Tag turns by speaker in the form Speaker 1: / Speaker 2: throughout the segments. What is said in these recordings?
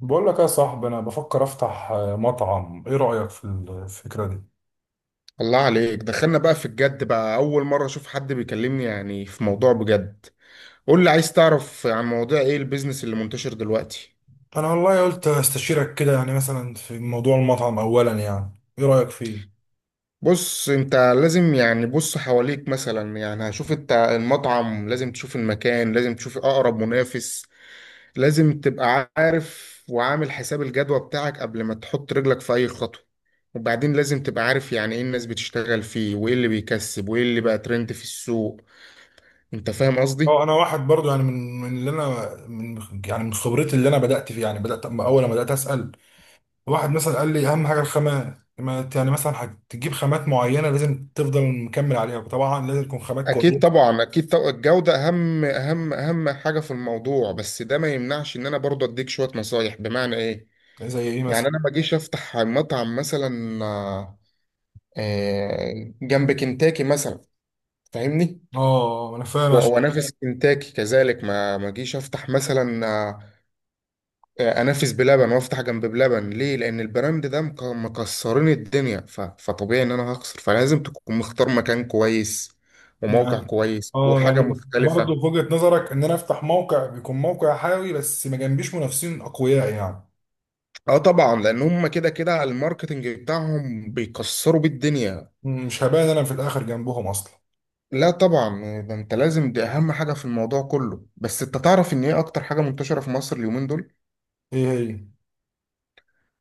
Speaker 1: بقول لك يا صاحبي، انا بفكر افتح مطعم. ايه رأيك في الفكرة دي؟
Speaker 2: الله عليك، دخلنا بقى في الجد بقى. أول مرة أشوف حد بيكلمني يعني في موضوع بجد. قول لي، عايز تعرف عن مواضيع إيه البيزنس اللي منتشر دلوقتي؟
Speaker 1: انا والله قلت استشيرك كده، يعني مثلا في موضوع المطعم اولا، يعني ايه رايك فيه؟
Speaker 2: بص، أنت لازم يعني بص حواليك مثلا. يعني هشوف أنت المطعم، لازم تشوف المكان، لازم تشوف أقرب منافس. لازم تبقى عارف وعامل حساب الجدوى بتاعك قبل ما تحط رجلك في أي خطوة. وبعدين لازم تبقى عارف يعني إيه الناس بتشتغل فيه وإيه اللي بيكسب وإيه اللي بقى ترند في السوق. أنت فاهم
Speaker 1: اه،
Speaker 2: قصدي؟
Speaker 1: انا واحد برضو، يعني من يعني من خبرتي اللي انا بدات فيه، يعني بدات. أما اول ما بدات اسال واحد مثلا، قال لي اهم حاجه الخامات. ما ت- يعني مثلا هتجيب خامات معينه لازم تفضل مكمل عليها، طبعا لازم تكون خامات
Speaker 2: اكيد
Speaker 1: كويسه.
Speaker 2: طبعا اكيد طبعا الجوده اهم حاجه في الموضوع، بس ده ما يمنعش ان انا برضه اديك شويه نصايح. بمعنى ايه؟
Speaker 1: زي ايه مثلا؟
Speaker 2: يعني انا ما اجيش افتح مطعم مثلا جنب كنتاكي مثلا. فاهمني؟
Speaker 1: اه، انا فاهم.
Speaker 2: و- وانافس كنتاكي. كذلك ما اجيش افتح مثلا انافس بلبن وافتح جنب بلبن ليه؟ لان البراند ده مكسرين الدنيا، فطبيعي ان انا هخسر. فلازم تكون مختار مكان كويس وموقع
Speaker 1: يعني
Speaker 2: كويس
Speaker 1: اه
Speaker 2: وحاجه
Speaker 1: يعني برضه، في
Speaker 2: مختلفه.
Speaker 1: وجهة نظرك ان انا افتح موقع، بيكون موقع حيوي بس ما جنبيش منافسين اقوياء، يعني؟
Speaker 2: اه طبعا، لان هم كده كده الماركتنج بتاعهم بيكسروا بيه الدنيا.
Speaker 1: مش هبان انا في الاخر جنبهم اصلا؟
Speaker 2: لا طبعا، ده انت لازم، دي اهم حاجه في الموضوع كله. بس انت تعرف ان ايه اكتر حاجه منتشره في مصر اليومين دول؟
Speaker 1: ايه هي؟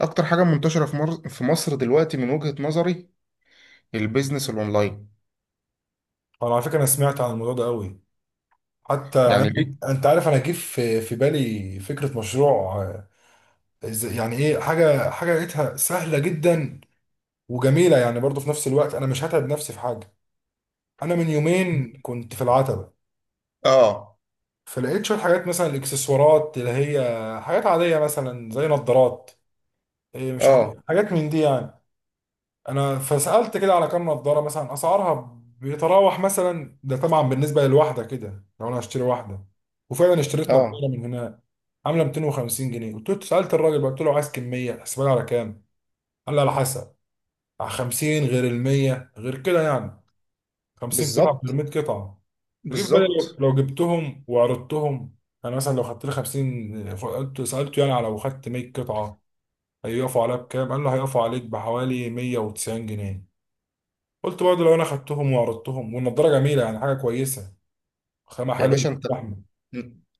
Speaker 2: اكتر حاجه منتشره في مصر دلوقتي من وجهه نظري: البيزنس الاونلاين.
Speaker 1: انا، على فكرة، انا سمعت عن الموضوع ده قوي. حتى يعني،
Speaker 2: يعني ليه؟
Speaker 1: انت عارف، انا جه في بالي فكرة مشروع. يعني ايه، حاجة لقيتها سهلة جدا وجميلة، يعني برضه في نفس الوقت انا مش هتعب نفسي في حاجة. انا من يومين كنت في العتبة،
Speaker 2: اه،
Speaker 1: فلقيت شوية حاجات، مثلا الاكسسوارات اللي هي حاجات عادية، مثلا زي نظارات، مش عارف،
Speaker 2: اه،
Speaker 1: حاجات من دي يعني. انا فسألت كده على كام نظارة، مثلا اسعارها بيتراوح، مثلا ده طبعا بالنسبة للواحدة كده لو انا هشتري واحدة. وفعلا اشتريت
Speaker 2: اه.
Speaker 1: نظارة من هنا عاملة 250 جنيه. قلت له، سألت الراجل بقى، قلت له عايز كمية حسبها لي على كام. قال لي على حسب، على 50 غير ال 100 غير كده، يعني 50 قطعة غير
Speaker 2: بالظبط،
Speaker 1: 100 قطعة. فجيت في بالي، لو
Speaker 2: بالظبط.
Speaker 1: لو جبتهم وعرضتهم، انا مثلا لو خدت لي 50، قلت سألته يعني، على لو خدت 100 قطعة هيقفوا عليها بكام؟ قال له هيقفوا عليك بحوالي 190 جنيه. قلت برضه لو انا خدتهم وعرضتهم، والنضاره جميله يعني، حاجه كويسه، خامه
Speaker 2: يا
Speaker 1: حلوه.
Speaker 2: باشا انت،
Speaker 1: احمد.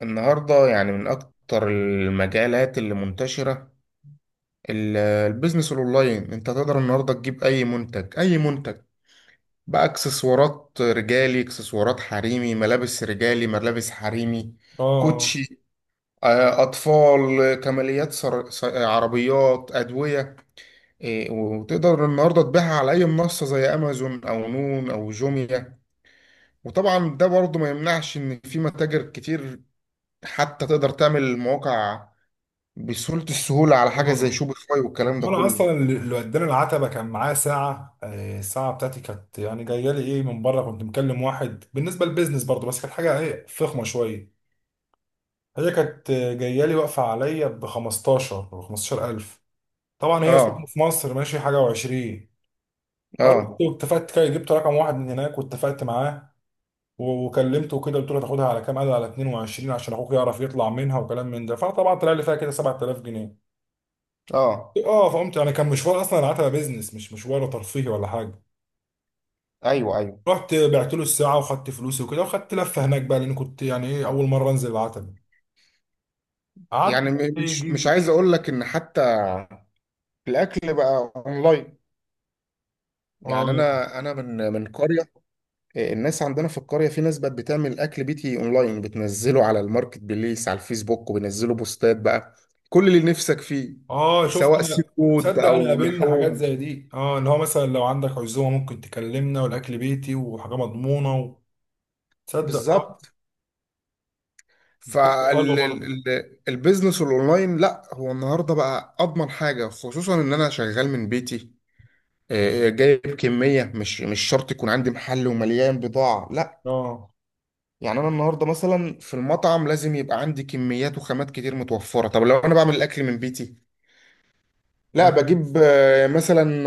Speaker 2: النهارده يعني من اكتر المجالات اللي منتشره البيزنس الاونلاين. انت تقدر النهارده تجيب اي منتج، اي منتج بقى: اكسسوارات رجالي، اكسسوارات حريمي، ملابس رجالي، ملابس حريمي،
Speaker 1: اه،
Speaker 2: كوتشي، اطفال، كماليات، سر... س- آه، عربيات، ادويه، وتقدر النهارده تبيعها على اي منصه زي امازون او نون او جوميا. وطبعا ده برضه ما يمنعش ان في متاجر كتير، حتى تقدر تعمل مواقع بسهوله، السهوله على حاجه زي
Speaker 1: اه،
Speaker 2: شوبيفاي
Speaker 1: ما
Speaker 2: والكلام ده
Speaker 1: هو انا
Speaker 2: كله.
Speaker 1: اصلا اللي وداني العتبه كان معاه ساعه. الساعه بتاعتي كانت يعني جايه لي، ايه، من بره. كنت مكلم واحد بالنسبه للبيزنس برضه، بس كانت حاجه ايه فخمه شويه. هي كانت، جايه لي، واقفه عليا ب 15000. طبعا هي سوق
Speaker 2: اه،
Speaker 1: في مصر ماشي حاجه و20. فرحت
Speaker 2: اه،
Speaker 1: واتفقت كده، جبت رقم واحد من هناك واتفقت معاه. وكلمته كده، قلت له تاخدها على كام؟ قال لي على 22، عشان اخوك يعرف يطلع منها وكلام من ده. فطبعا طلع لي فيها كده 7000 جنيه.
Speaker 2: اه.
Speaker 1: اه، فقمت يعني، كان مشوار اصلا، العتبه بيزنس مش مشوار ترفيهي ولا حاجه.
Speaker 2: ايوه، ايوه.
Speaker 1: رحت بعت له الساعه وخدت فلوسي وكده، وخدت لفه هناك بقى لان كنت، يعني ايه، اول مره انزل العتبه. قعدت
Speaker 2: يعني
Speaker 1: بقى
Speaker 2: مش
Speaker 1: يجي.
Speaker 2: عايز اقول لك ان حتى الاكل بقى اونلاين. يعني
Speaker 1: اه،
Speaker 2: انا من قريه، الناس عندنا في القريه، في ناس بقت بتعمل اكل بيتي اونلاين، بتنزله على الماركت بليس على الفيسبوك وبينزلوا بوستات بقى كل اللي نفسك فيه،
Speaker 1: اه، شفت،
Speaker 2: سواء سي
Speaker 1: لا.
Speaker 2: فود
Speaker 1: تصدق، انا
Speaker 2: او
Speaker 1: قابلنا حاجات
Speaker 2: لحوم.
Speaker 1: زي دي، ان هو مثلا لو عندك عزومه ممكن تكلمنا، والاكل بيتي وحاجه مضمونه تصدق؟ اه.
Speaker 2: بالظبط.
Speaker 1: حلوه برضه.
Speaker 2: فالبيزنس الاونلاين لا، هو النهارده بقى اضمن حاجه، خصوصا ان انا شغال من بيتي. جايب كميه. مش شرط يكون عندي محل ومليان بضاعه، لا.
Speaker 1: اه،
Speaker 2: يعني انا النهارده مثلا في المطعم لازم يبقى عندي كميات وخامات كتير متوفره. طب لو انا بعمل الاكل من بيتي، لا، بجيب مثلا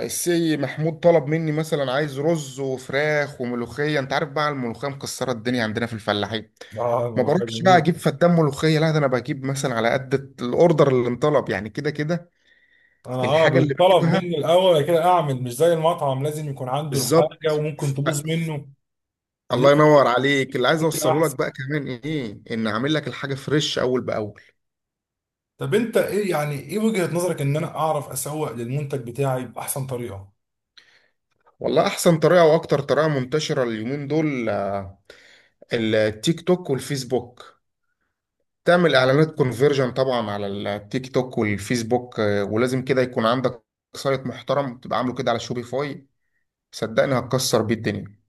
Speaker 2: السي محمود طلب مني مثلا عايز رز وفراخ وملوخيه، انت عارف بقى الملوخيه مكسره الدنيا عندنا في الفلاحين.
Speaker 1: اه،
Speaker 2: ما
Speaker 1: والله
Speaker 2: بروحش بقى
Speaker 1: جميل.
Speaker 2: اجيب فدان ملوخيه، لا، ده انا بجيب مثلا على قد الاوردر اللي انطلب، يعني كده كده
Speaker 1: انا،
Speaker 2: الحاجه اللي
Speaker 1: بيطلب
Speaker 2: بجيبها.
Speaker 1: مني الاول، بعد كده اعمل. مش زي المطعم لازم يكون عنده الحاجه
Speaker 2: بالظبط.
Speaker 1: وممكن تبوظ منه. فدي
Speaker 2: الله
Speaker 1: كده
Speaker 2: ينور عليك. اللي عايز
Speaker 1: فكره
Speaker 2: اوصله لك
Speaker 1: احسن.
Speaker 2: بقى كمان ايه، ان اعمل لك الحاجه فريش اول باول.
Speaker 1: طب انت، يعني ايه وجهه نظرك ان انا اعرف اسوق للمنتج بتاعي باحسن طريقه؟
Speaker 2: والله احسن طريقه واكتر طريقه منتشره اليومين دول التيك توك والفيسبوك. تعمل اعلانات كونفيرجن طبعا على التيك توك والفيسبوك، ولازم كده يكون عندك سايت محترم تبقى عامله كده على شوبيفاي. صدقني هتكسر بيه الدنيا.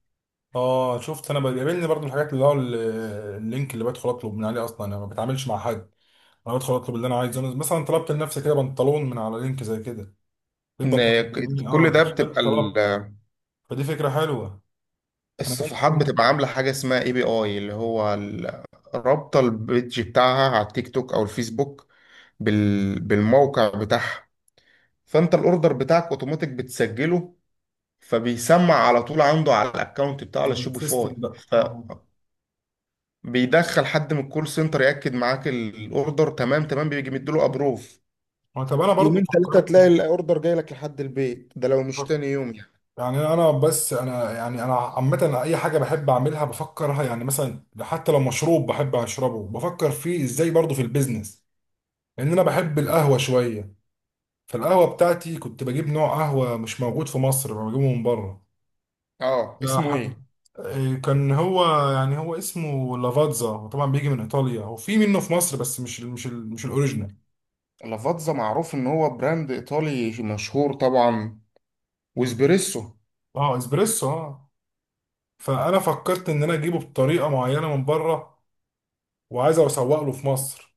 Speaker 1: اه، شفت، انا بيقابلني برضو الحاجات اللي هو اللينك اللي بدخل اطلب من عليه، اصلا انا ما بتعاملش مع حد. انا بدخل اطلب اللي انا عايزه. أنا مثلا طلبت لنفسي كده بنطلون من على لينك زي كده، البنطلون
Speaker 2: إن
Speaker 1: مني، اه،
Speaker 2: كل ده بتبقى
Speaker 1: دخلت طلبت. فدي فكره حلوه.
Speaker 2: الصفحات
Speaker 1: ممكن،
Speaker 2: بتبقى عامله حاجه اسمها اي بي اي، اللي هو رابطه البيج بتاعها على التيك توك او الفيسبوك بالموقع بتاعها. فانت الاوردر بتاعك اوتوماتيك بتسجله، فبيسمع على طول عنده على الاكونت بتاعه على
Speaker 1: على السيستم
Speaker 2: شوبيفاي.
Speaker 1: بقى، اه.
Speaker 2: فبيدخل حد من الكول سنتر ياكد معاك الاوردر، تمام تمام، بيجي مديله ابروف.
Speaker 1: طب انا برضو
Speaker 2: يومين ثلاثة
Speaker 1: فكرت،
Speaker 2: تلاقي الاوردر جاي لك لحد البيت، ده لو مش تاني يوم يعني.
Speaker 1: يعني، انا بس انا يعني انا عامه اي حاجه بحب اعملها بفكرها، يعني مثلا حتى لو مشروب بحب اشربه بفكر فيه ازاي، برضه في البيزنس. لان انا بحب القهوه شويه، فالقهوه بتاعتي كنت بجيب نوع قهوه مش موجود في مصر، بجيبه من بره.
Speaker 2: اه، اسمه
Speaker 1: فحب
Speaker 2: ايه؟
Speaker 1: كان هو يعني، هو اسمه لافاتزا، هو طبعا بيجي من ايطاليا، وفي منه في مصر بس مش الاوريجينال.
Speaker 2: لافاتزا معروف ان هو براند ايطالي مشهور طبعا. واسبريسو.
Speaker 1: اه، اسبريسو، اه. فانا فكرت ان انا اجيبه بطريقه معينه من بره، وعايز اسوق له في مصر.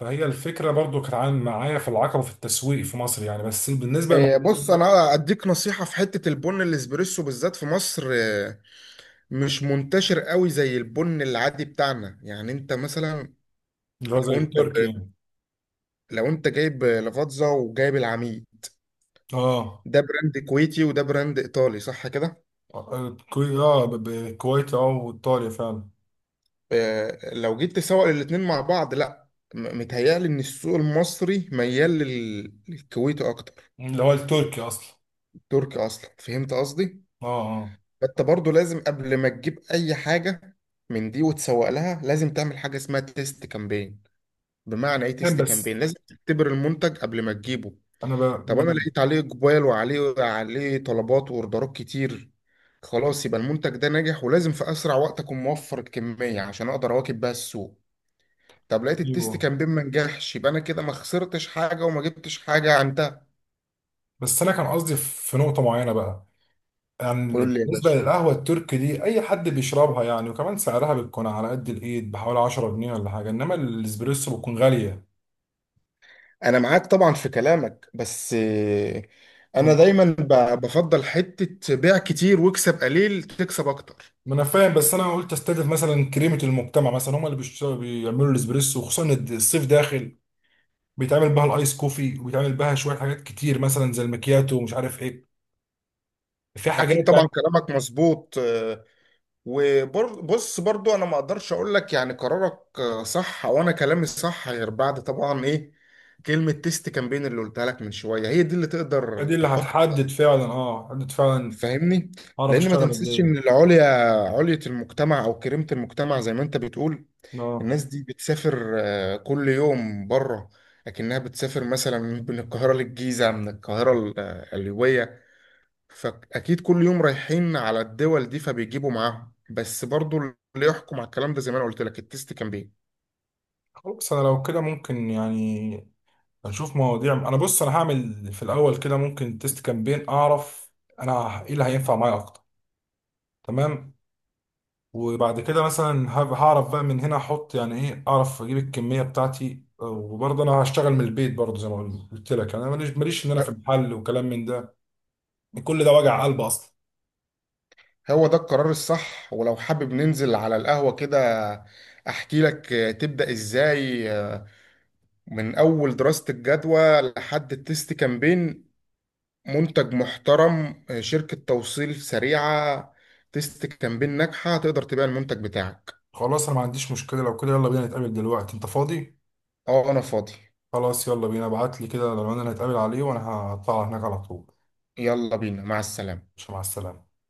Speaker 1: فهي الفكرة برضو كانت عن، معايا في العقبة، في التسويق في مصر يعني، بس بالنسبة للموضوع،
Speaker 2: بص، انا اديك نصيحة في حتة البن الاسبريسو بالذات في مصر. مش منتشر قوي زي البن العادي بتاعنا. يعني انت مثلا،
Speaker 1: اللي هو
Speaker 2: لو
Speaker 1: زي
Speaker 2: انت
Speaker 1: التركي يعني.
Speaker 2: لو انت جايب لفاتزا وجايب العميد،
Speaker 1: اه،
Speaker 2: ده براند كويتي وده براند ايطالي، صح كده؟
Speaker 1: كوي اه الكويت، اه، وايطاليا فعلا.
Speaker 2: لو جيت تسوق الاتنين مع بعض، لا، متهيألي ان السوق المصري ميال للكويتي اكتر.
Speaker 1: اللي هو التركي اصلا.
Speaker 2: تركي اصلا. فهمت قصدي؟
Speaker 1: اه، اه،
Speaker 2: فانت برضو لازم قبل ما تجيب اي حاجة من دي وتسوق لها، لازم تعمل حاجة اسمها تيست كامبين. بمعنى ايه
Speaker 1: فاهم
Speaker 2: تيست
Speaker 1: بس
Speaker 2: كامبين؟ لازم تختبر المنتج قبل ما تجيبه.
Speaker 1: انا
Speaker 2: طب انا
Speaker 1: ب...
Speaker 2: لقيت عليه اقبال وعليه طلبات واوردرات كتير، خلاص يبقى المنتج ده ناجح ولازم في اسرع وقت اكون موفر الكميه عشان اقدر اواكب بيها السوق. طب لقيت التيست
Speaker 1: أيوه.
Speaker 2: كامبين ما نجحش، يبقى انا كده ما خسرتش حاجه وما جبتش حاجه عندها.
Speaker 1: بس انا كان قصدي في نقطة معينة بقى، يعني،
Speaker 2: قول لي يا
Speaker 1: بالنسبة
Speaker 2: باشا.
Speaker 1: للقهوة التركي دي، اي حد بيشربها يعني، وكمان سعرها بتكون على قد الايد، بحوالي 10 جنيه ولا حاجة، انما الاسبريسو بتكون غالية.
Speaker 2: انا معاك طبعا في كلامك، بس انا
Speaker 1: فاهم.
Speaker 2: دايما بفضل حته بيع كتير واكسب قليل، تكسب اكتر.
Speaker 1: ما انا فاهم، بس انا قلت استهدف مثلا كريمه المجتمع، مثلا هم اللي بيشتغلوا بيعملوا الاسبريسو، وخصوصا إن الصيف داخل، بيتعمل بها الايس كوفي، وبيتعمل بها شويه حاجات كتير مثلا زي المكياتو ومش عارف ايه، في
Speaker 2: اكيد
Speaker 1: حاجات يعني.
Speaker 2: طبعا كلامك مظبوط، وبص برضو انا ما اقدرش اقول لك يعني قرارك صح وانا كلامي صح، غير بعد طبعا ايه، كلمة تيست كامبين اللي قلتها لك من شوية، هي دي اللي تقدر
Speaker 1: دي اللي
Speaker 2: تحط.
Speaker 1: هتحدد فعلا، اه، هتحدد فعلا.
Speaker 2: فاهمني؟
Speaker 1: اعرف
Speaker 2: لان ما
Speaker 1: اشتغل قد
Speaker 2: تنسيش
Speaker 1: ايه،
Speaker 2: ان علية المجتمع او كريمة المجتمع زي ما انت بتقول،
Speaker 1: اه.
Speaker 2: الناس دي بتسافر كل يوم بره. لكنها بتسافر مثلا من القاهرة للجيزة، من القاهرة القليوبية، فأكيد كل يوم رايحين على الدول دي فبيجيبوا معاهم. بس برضو اللي يحكم على الكلام ده زي ما أنا قلت لك، التست كان بيه.
Speaker 1: خلاص، انا لو كده ممكن يعني هنشوف مواضيع. انا بص، انا هعمل في الاول كده ممكن تيست كامبين، اعرف انا ايه اللي هينفع معايا اكتر. تمام. وبعد كده مثلا، هعرف بقى من هنا احط، يعني ايه، اعرف اجيب الكميه بتاعتي. وبرضه انا هشتغل من البيت برضه، زي ما قلت لك، انا ماليش ان انا في المحل وكلام من ده، كل ده وجع قلب اصلا.
Speaker 2: هو ده القرار الصح، ولو حابب ننزل على القهوة كده أحكي لك تبدأ إزاي من أول دراسة الجدوى لحد التست كامبين. منتج محترم، شركة توصيل سريعة، تست كامبين ناجحة، تقدر تبيع المنتج بتاعك.
Speaker 1: خلاص، انا ما عنديش مشكله لو كده. يلا بينا نتقابل دلوقتي. انت فاضي؟
Speaker 2: أه، أنا فاضي.
Speaker 1: خلاص يلا بينا. ابعت لي كده لو انا هنتقابل عليه، وانا هطلع هناك على طول.
Speaker 2: يلا بينا، مع السلامة.
Speaker 1: مش مع السلامه.